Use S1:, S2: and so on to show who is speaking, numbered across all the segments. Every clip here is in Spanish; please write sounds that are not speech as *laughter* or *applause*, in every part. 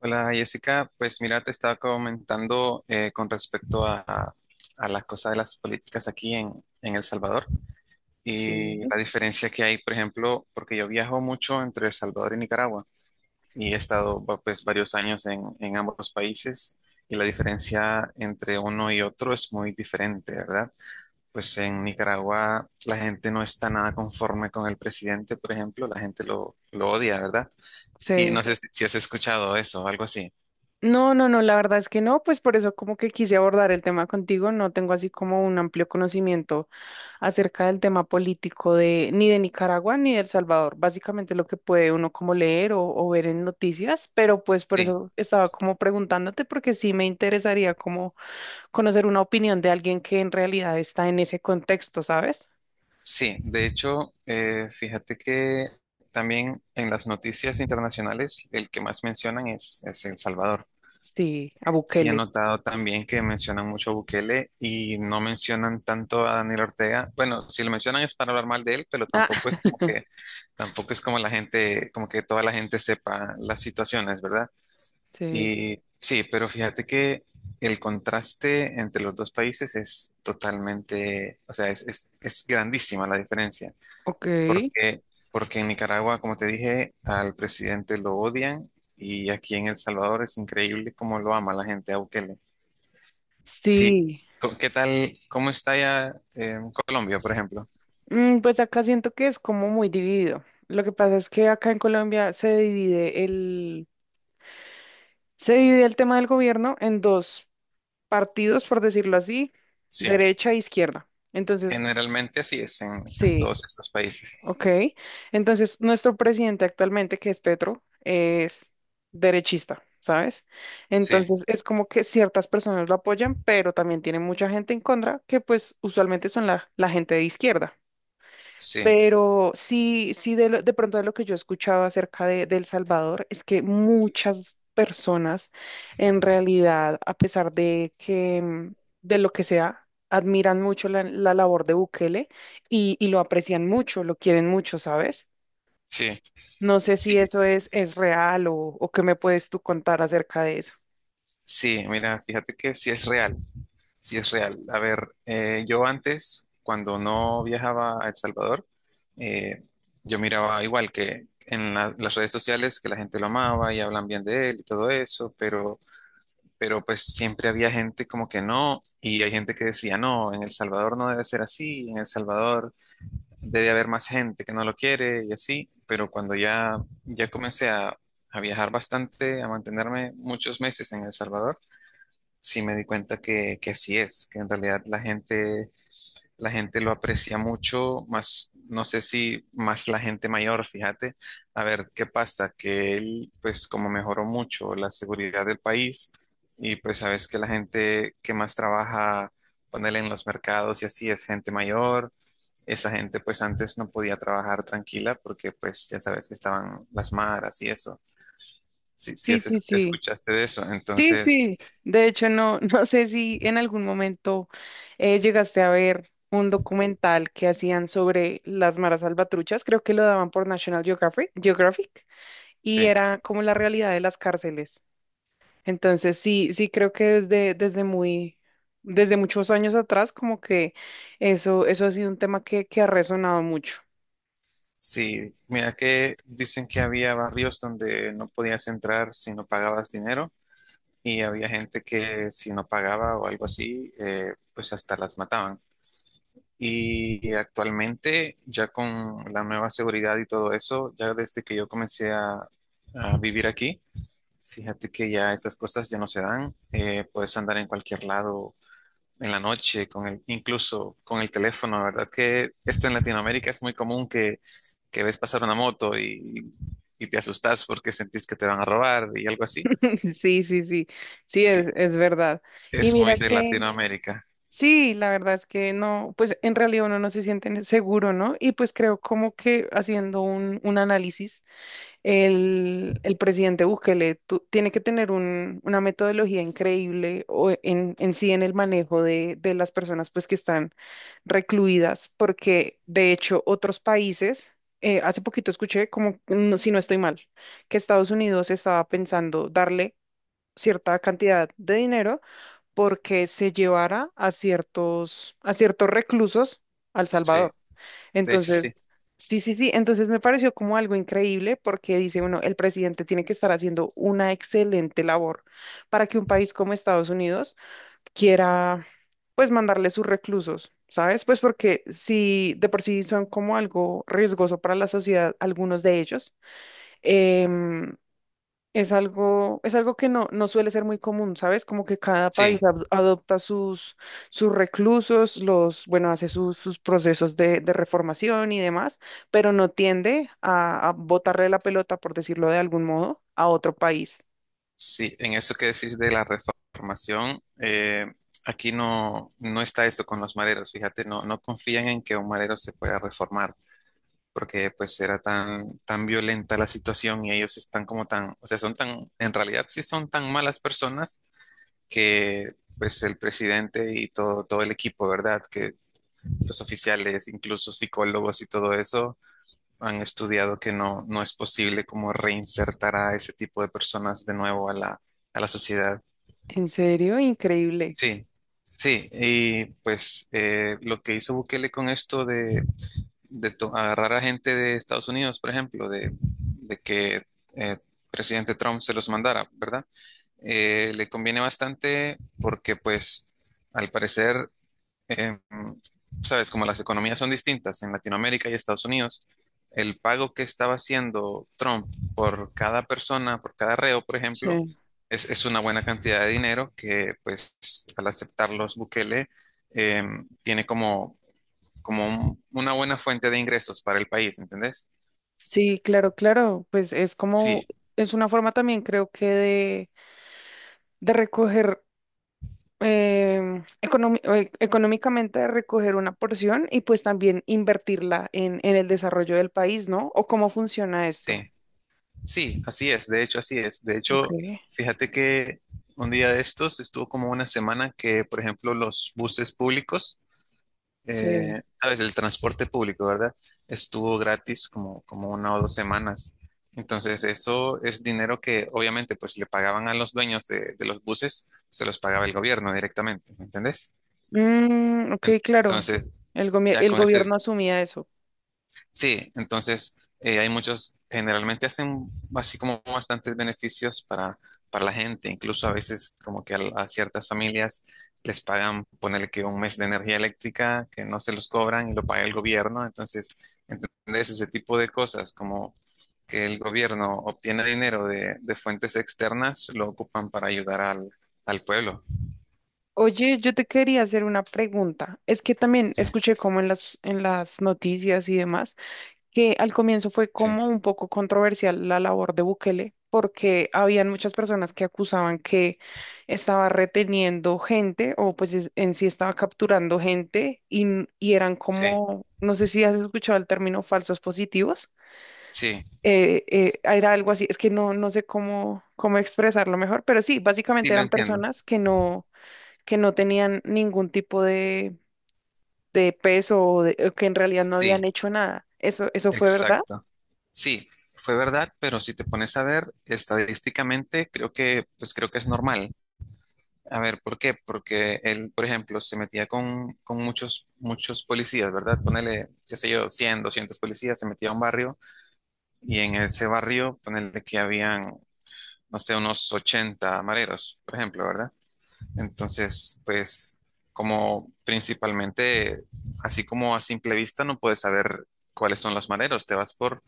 S1: Hola Jessica, pues mira, te estaba comentando con respecto a las cosas de las políticas aquí en El Salvador
S2: Sí,
S1: y la diferencia que hay, por ejemplo, porque yo viajo mucho entre El Salvador y Nicaragua y he estado pues varios años en ambos países y la diferencia entre uno y otro es muy diferente, ¿verdad? Pues en Nicaragua la gente no está nada conforme con el presidente, por ejemplo, la gente lo odia, ¿verdad? Y
S2: sí.
S1: no sé si has escuchado eso, algo así.
S2: No, no, no, la verdad es que no, pues por eso como que quise abordar el tema contigo. No tengo así como un amplio conocimiento acerca del tema político de ni de Nicaragua ni de El Salvador, básicamente lo que puede uno como leer o ver en noticias, pero pues por
S1: Sí.
S2: eso estaba como preguntándote porque sí me interesaría como conocer una opinión de alguien que en realidad está en ese contexto, ¿sabes?
S1: Sí, de hecho, fíjate que también en las noticias internacionales el que más mencionan es El Salvador.
S2: Sí, a
S1: Sí, he
S2: Bukele.
S1: notado también que mencionan mucho a Bukele y no mencionan tanto a Daniel Ortega. Bueno, si lo mencionan es para hablar mal de él, pero
S2: Ah,
S1: tampoco es
S2: *laughs*
S1: como que, tampoco es como la gente, como que toda la gente sepa las situaciones, ¿verdad?
S2: sí,
S1: Y sí, pero fíjate que el contraste entre los dos países es totalmente, o sea, es grandísima la diferencia.
S2: ok.
S1: Porque, porque en Nicaragua, como te dije, al presidente lo odian y aquí en El Salvador es increíble cómo lo ama la gente a Bukele. Sí,
S2: Sí.
S1: ¿qué tal? ¿Cómo está ya en Colombia, por ejemplo?
S2: Pues acá siento que es como muy dividido. Lo que pasa es que acá en Colombia se divide el tema del gobierno en dos partidos, por decirlo así,
S1: Sí,
S2: derecha e izquierda. Entonces,
S1: generalmente así es en
S2: sí,
S1: todos estos países.
S2: ok. Entonces, nuestro presidente actualmente, que es Petro, es derechista, ¿sabes?
S1: Sí,
S2: Entonces, es como que ciertas personas lo apoyan, pero también tiene mucha gente en contra, que pues usualmente son la gente de izquierda.
S1: sí,
S2: Pero sí, de pronto de lo que yo escuchaba acerca de El Salvador es que muchas personas en realidad, a pesar de que, de lo que sea, admiran mucho la labor de Bukele y lo aprecian mucho, lo quieren mucho, ¿sabes?
S1: sí,
S2: No sé
S1: sí,
S2: si eso es real o qué me puedes tú contar acerca de eso.
S1: sí, mira, fíjate que sí es real. Sí, es real. A ver, yo antes, cuando no viajaba a El Salvador, eh, yo miraba igual que en las redes sociales que la gente lo amaba y hablan bien de él y todo eso, pero pues siempre había gente como que no, y hay gente que decía, no, en El Salvador no debe ser así, en El Salvador debe haber más gente que no lo quiere y así, pero cuando ya, ya comencé a viajar bastante, a mantenerme muchos meses en El Salvador, sí me di cuenta que así es, que en realidad la gente lo aprecia mucho, más, no sé si más la gente mayor, fíjate, a ver qué pasa, que él, pues como mejoró mucho la seguridad del país y pues sabes que la gente que más trabaja, ponerle en los mercados y así es gente mayor. Esa gente pues antes no podía trabajar tranquila porque pues ya sabes que estaban las maras y eso. Si,
S2: Sí, sí, sí.
S1: escuchaste de eso,
S2: Sí,
S1: entonces
S2: sí. De hecho, no, *laughs* no sé si en algún momento llegaste a ver un documental que hacían sobre las maras salvatruchas. Creo que lo daban por National Geographic, Geographic, y
S1: sí.
S2: era como la realidad de las cárceles. Entonces, sí, sí creo que desde muy, desde muchos años atrás, como que eso ha sido un tema que ha resonado mucho.
S1: Sí, mira que dicen que había barrios donde no podías entrar si no pagabas dinero y había gente que si no pagaba o algo así, pues hasta las mataban. Y actualmente ya con la nueva seguridad y todo eso, ya desde que yo comencé a vivir aquí, fíjate que ya esas cosas ya no se dan, puedes andar en cualquier lado en la noche, con el, incluso con el teléfono, ¿verdad? Que esto en Latinoamérica es muy común que ves pasar una moto y te asustas porque sentís que te van a robar y algo así.
S2: *laughs* Sí, sí, sí, sí,
S1: Sí,
S2: es verdad. Y
S1: es muy
S2: mira
S1: de
S2: que
S1: Latinoamérica.
S2: sí, la verdad es que no, pues en realidad uno no se siente seguro, ¿no? Y pues creo como que haciendo un análisis, el presidente Bukele tiene que tener una metodología increíble o en sí en el manejo de las personas pues que están recluidas, porque de hecho otros países, hace poquito escuché como, si no estoy mal, que Estados Unidos estaba pensando darle cierta cantidad de dinero porque se llevara a ciertos reclusos al
S1: Sí,
S2: Salvador.
S1: de hecho sí.
S2: Entonces, sí, sí, sí, entonces me pareció como algo increíble porque dice uno, el presidente tiene que estar haciendo una excelente labor para que un país como Estados Unidos quiera, pues, mandarle sus reclusos. ¿Sabes? Pues porque si de por sí son como algo riesgoso para la sociedad, algunos de ellos, em, es algo que no, no suele ser muy común, ¿sabes? Como que cada
S1: Sí,
S2: país adopta sus, sus reclusos, los, bueno, hace sus, sus procesos de reformación y demás, pero no tiende a botarle la pelota, por decirlo de algún modo, a otro país.
S1: sí, en eso que decís de la reformación, aquí no, no está eso con los maderos. Fíjate, no, no confían en que un madero se pueda reformar. Porque pues era tan, tan violenta la situación y ellos están como tan, o sea, son tan, en realidad sí son tan malas personas que pues el presidente y todo, todo el equipo, ¿verdad? Que los oficiales, incluso psicólogos y todo eso, han estudiado que no, no es posible como reinsertar a ese tipo de personas de nuevo a la sociedad.
S2: En serio, increíble.
S1: Sí. Sí, y pues lo que hizo Bukele con esto de agarrar a gente de Estados Unidos, por ejemplo, de que eh, presidente Trump se los mandara, ¿verdad? Le conviene bastante porque pues al parecer em, sabes, como las economías son distintas en Latinoamérica y Estados Unidos, el pago que estaba haciendo Trump por cada persona, por cada reo, por ejemplo,
S2: Sí.
S1: es una buena cantidad de dinero que, pues, al aceptarlos Bukele, tiene como, como una buena fuente de ingresos para el país, ¿entendés?
S2: Sí, claro, claro. Pues es como,
S1: Sí,
S2: es una forma también creo que de recoger económicamente recoger una porción y pues también invertirla en el desarrollo del país, ¿no? ¿O cómo funciona
S1: sí,
S2: esto?
S1: sí, así es, de hecho, así es. De
S2: Ok,
S1: hecho, fíjate que un día de estos estuvo como una semana que, por ejemplo, los buses públicos,
S2: sí.
S1: ¿sabes? El transporte público, ¿verdad? Estuvo gratis como, como una o dos semanas. Entonces, eso es dinero que obviamente pues le pagaban a los dueños de los buses, se los pagaba el gobierno directamente, ¿me entendés?
S2: Mm, ok, claro.
S1: Entonces, ya
S2: El
S1: con ese
S2: gobierno asumía eso.
S1: sí, entonces hay muchos, generalmente hacen así como bastantes beneficios para la gente, incluso a veces como que a, ciertas familias les pagan, ponerle que un mes de energía eléctrica que no se los cobran y lo paga el gobierno, entonces, ¿entendés? Ese tipo de cosas como que el gobierno obtiene dinero de fuentes externas, lo ocupan para ayudar al, al pueblo.
S2: Oye, yo te quería hacer una pregunta. Es que también
S1: Sí,
S2: escuché como en las noticias y demás que al comienzo fue
S1: sí,
S2: como un poco controversial la labor de Bukele, porque habían muchas personas que acusaban que estaba reteniendo gente o pues en sí estaba capturando gente y eran
S1: sí,
S2: como, no sé si has escuchado el término falsos positivos.
S1: sí,
S2: Era algo así, es que no, no sé cómo, cómo expresarlo mejor, pero sí,
S1: sí,
S2: básicamente
S1: lo
S2: eran
S1: entiendo.
S2: personas que no tenían ningún tipo de peso o que en realidad no habían
S1: Sí,
S2: hecho nada. ¿Eso, eso fue verdad?
S1: exacto. Sí, fue verdad, pero si te pones a ver estadísticamente, creo que, pues creo que es normal. A ver, ¿por qué? Porque él, por ejemplo, se metía con muchos, muchos policías, ¿verdad? Ponele, qué sé yo, 100, 200 policías, se metía a un barrio y en ese barrio, ponele que habían, no sé, unos 80 mareros, por ejemplo, ¿verdad? Entonces, pues, como principalmente, así como a simple vista no puedes saber cuáles son los maderos, te vas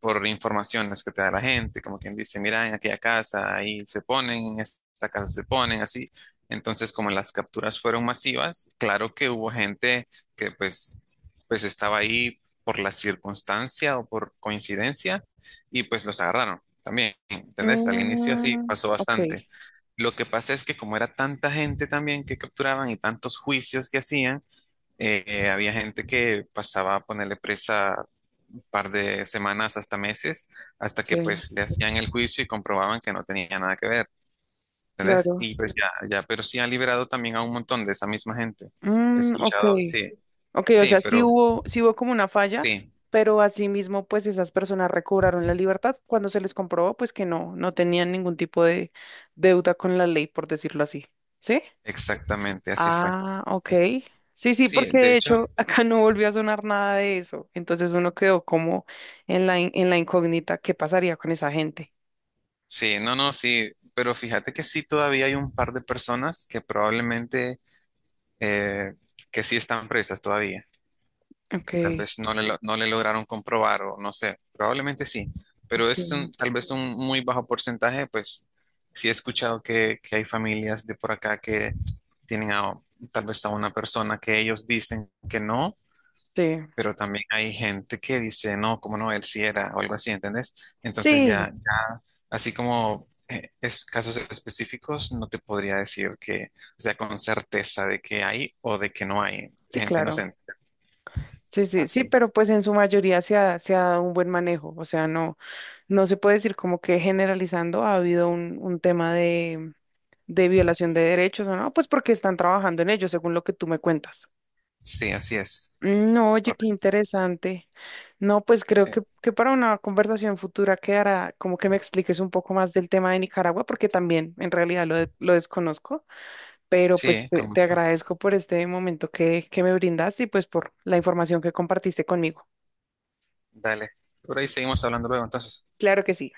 S1: por informaciones que te da la gente, como quien dice, mira, en aquella casa ahí se ponen, en esta casa se ponen, así. Entonces, como las capturas fueron masivas, claro que hubo gente que pues, pues estaba ahí por la circunstancia o por coincidencia y pues los agarraron también, ¿entendés? Al inicio mm así
S2: Mm,
S1: pasó
S2: ok,
S1: bastante. Lo que pasa es que como era tanta gente también que capturaban y tantos juicios que hacían, había gente que pasaba a ponerle presa un par de semanas hasta meses, hasta
S2: sí,
S1: que pues le hacían el juicio y comprobaban que no tenía nada que ver, ¿entendés?
S2: claro.
S1: Y pues ya, ya, pero sí han liberado también a un montón de esa misma gente. He
S2: Mm, ok,
S1: escuchado, sí,
S2: ok, o
S1: sí,
S2: sea,
S1: pero
S2: sí hubo como una falla,
S1: sí,
S2: pero asimismo, pues esas personas recobraron la libertad cuando se les comprobó, pues que no, no tenían ningún tipo de deuda con la ley, por decirlo así. ¿Sí?
S1: exactamente, así fue.
S2: Ah, ok.
S1: Sí,
S2: Sí, sí, porque
S1: sí, de
S2: de
S1: hecho,
S2: hecho *laughs* acá no volvió a sonar nada de eso. Entonces uno quedó como en la, en la incógnita, ¿qué pasaría con esa gente?
S1: sí, no, no, sí, pero fíjate que sí todavía hay un par de personas que probablemente eh, que sí están previstas todavía.
S2: Ok,
S1: Tal vez no no le lograron comprobar o no sé, probablemente sí, pero
S2: ok,
S1: es tal vez un muy bajo porcentaje, pues sí he escuchado que hay familias de por acá que tienen a, tal vez a una persona que ellos dicen que no,
S2: sí.
S1: pero también hay gente que dice, no, cómo no, él sí era, o algo así, ¿entendés? Entonces
S2: Sí,
S1: ya, ya, así como es casos específicos, no te podría decir que, o sea, con certeza de que hay o de que no hay
S2: sí,
S1: gente
S2: claro.
S1: inocente.
S2: Sí, sí, sí,
S1: Así,
S2: pero pues en su mayoría se ha dado un buen manejo, o sea, no, no se puede decir como que generalizando ha habido un tema de violación de derechos o no, pues porque están trabajando en ello, según lo que tú me cuentas.
S1: sí, así es.
S2: No, oye, qué
S1: Correcto.
S2: interesante. No, pues creo
S1: Sí,
S2: que para una conversación futura quedará como que me expliques un poco más del tema de Nicaragua, porque también en realidad lo desconozco, pero
S1: sí,
S2: pues te,
S1: con
S2: te
S1: gusto.
S2: agradezco por este momento que me brindas y pues por la información que compartiste conmigo.
S1: Dale. Por ahí seguimos hablando luego, entonces.
S2: Claro que sí.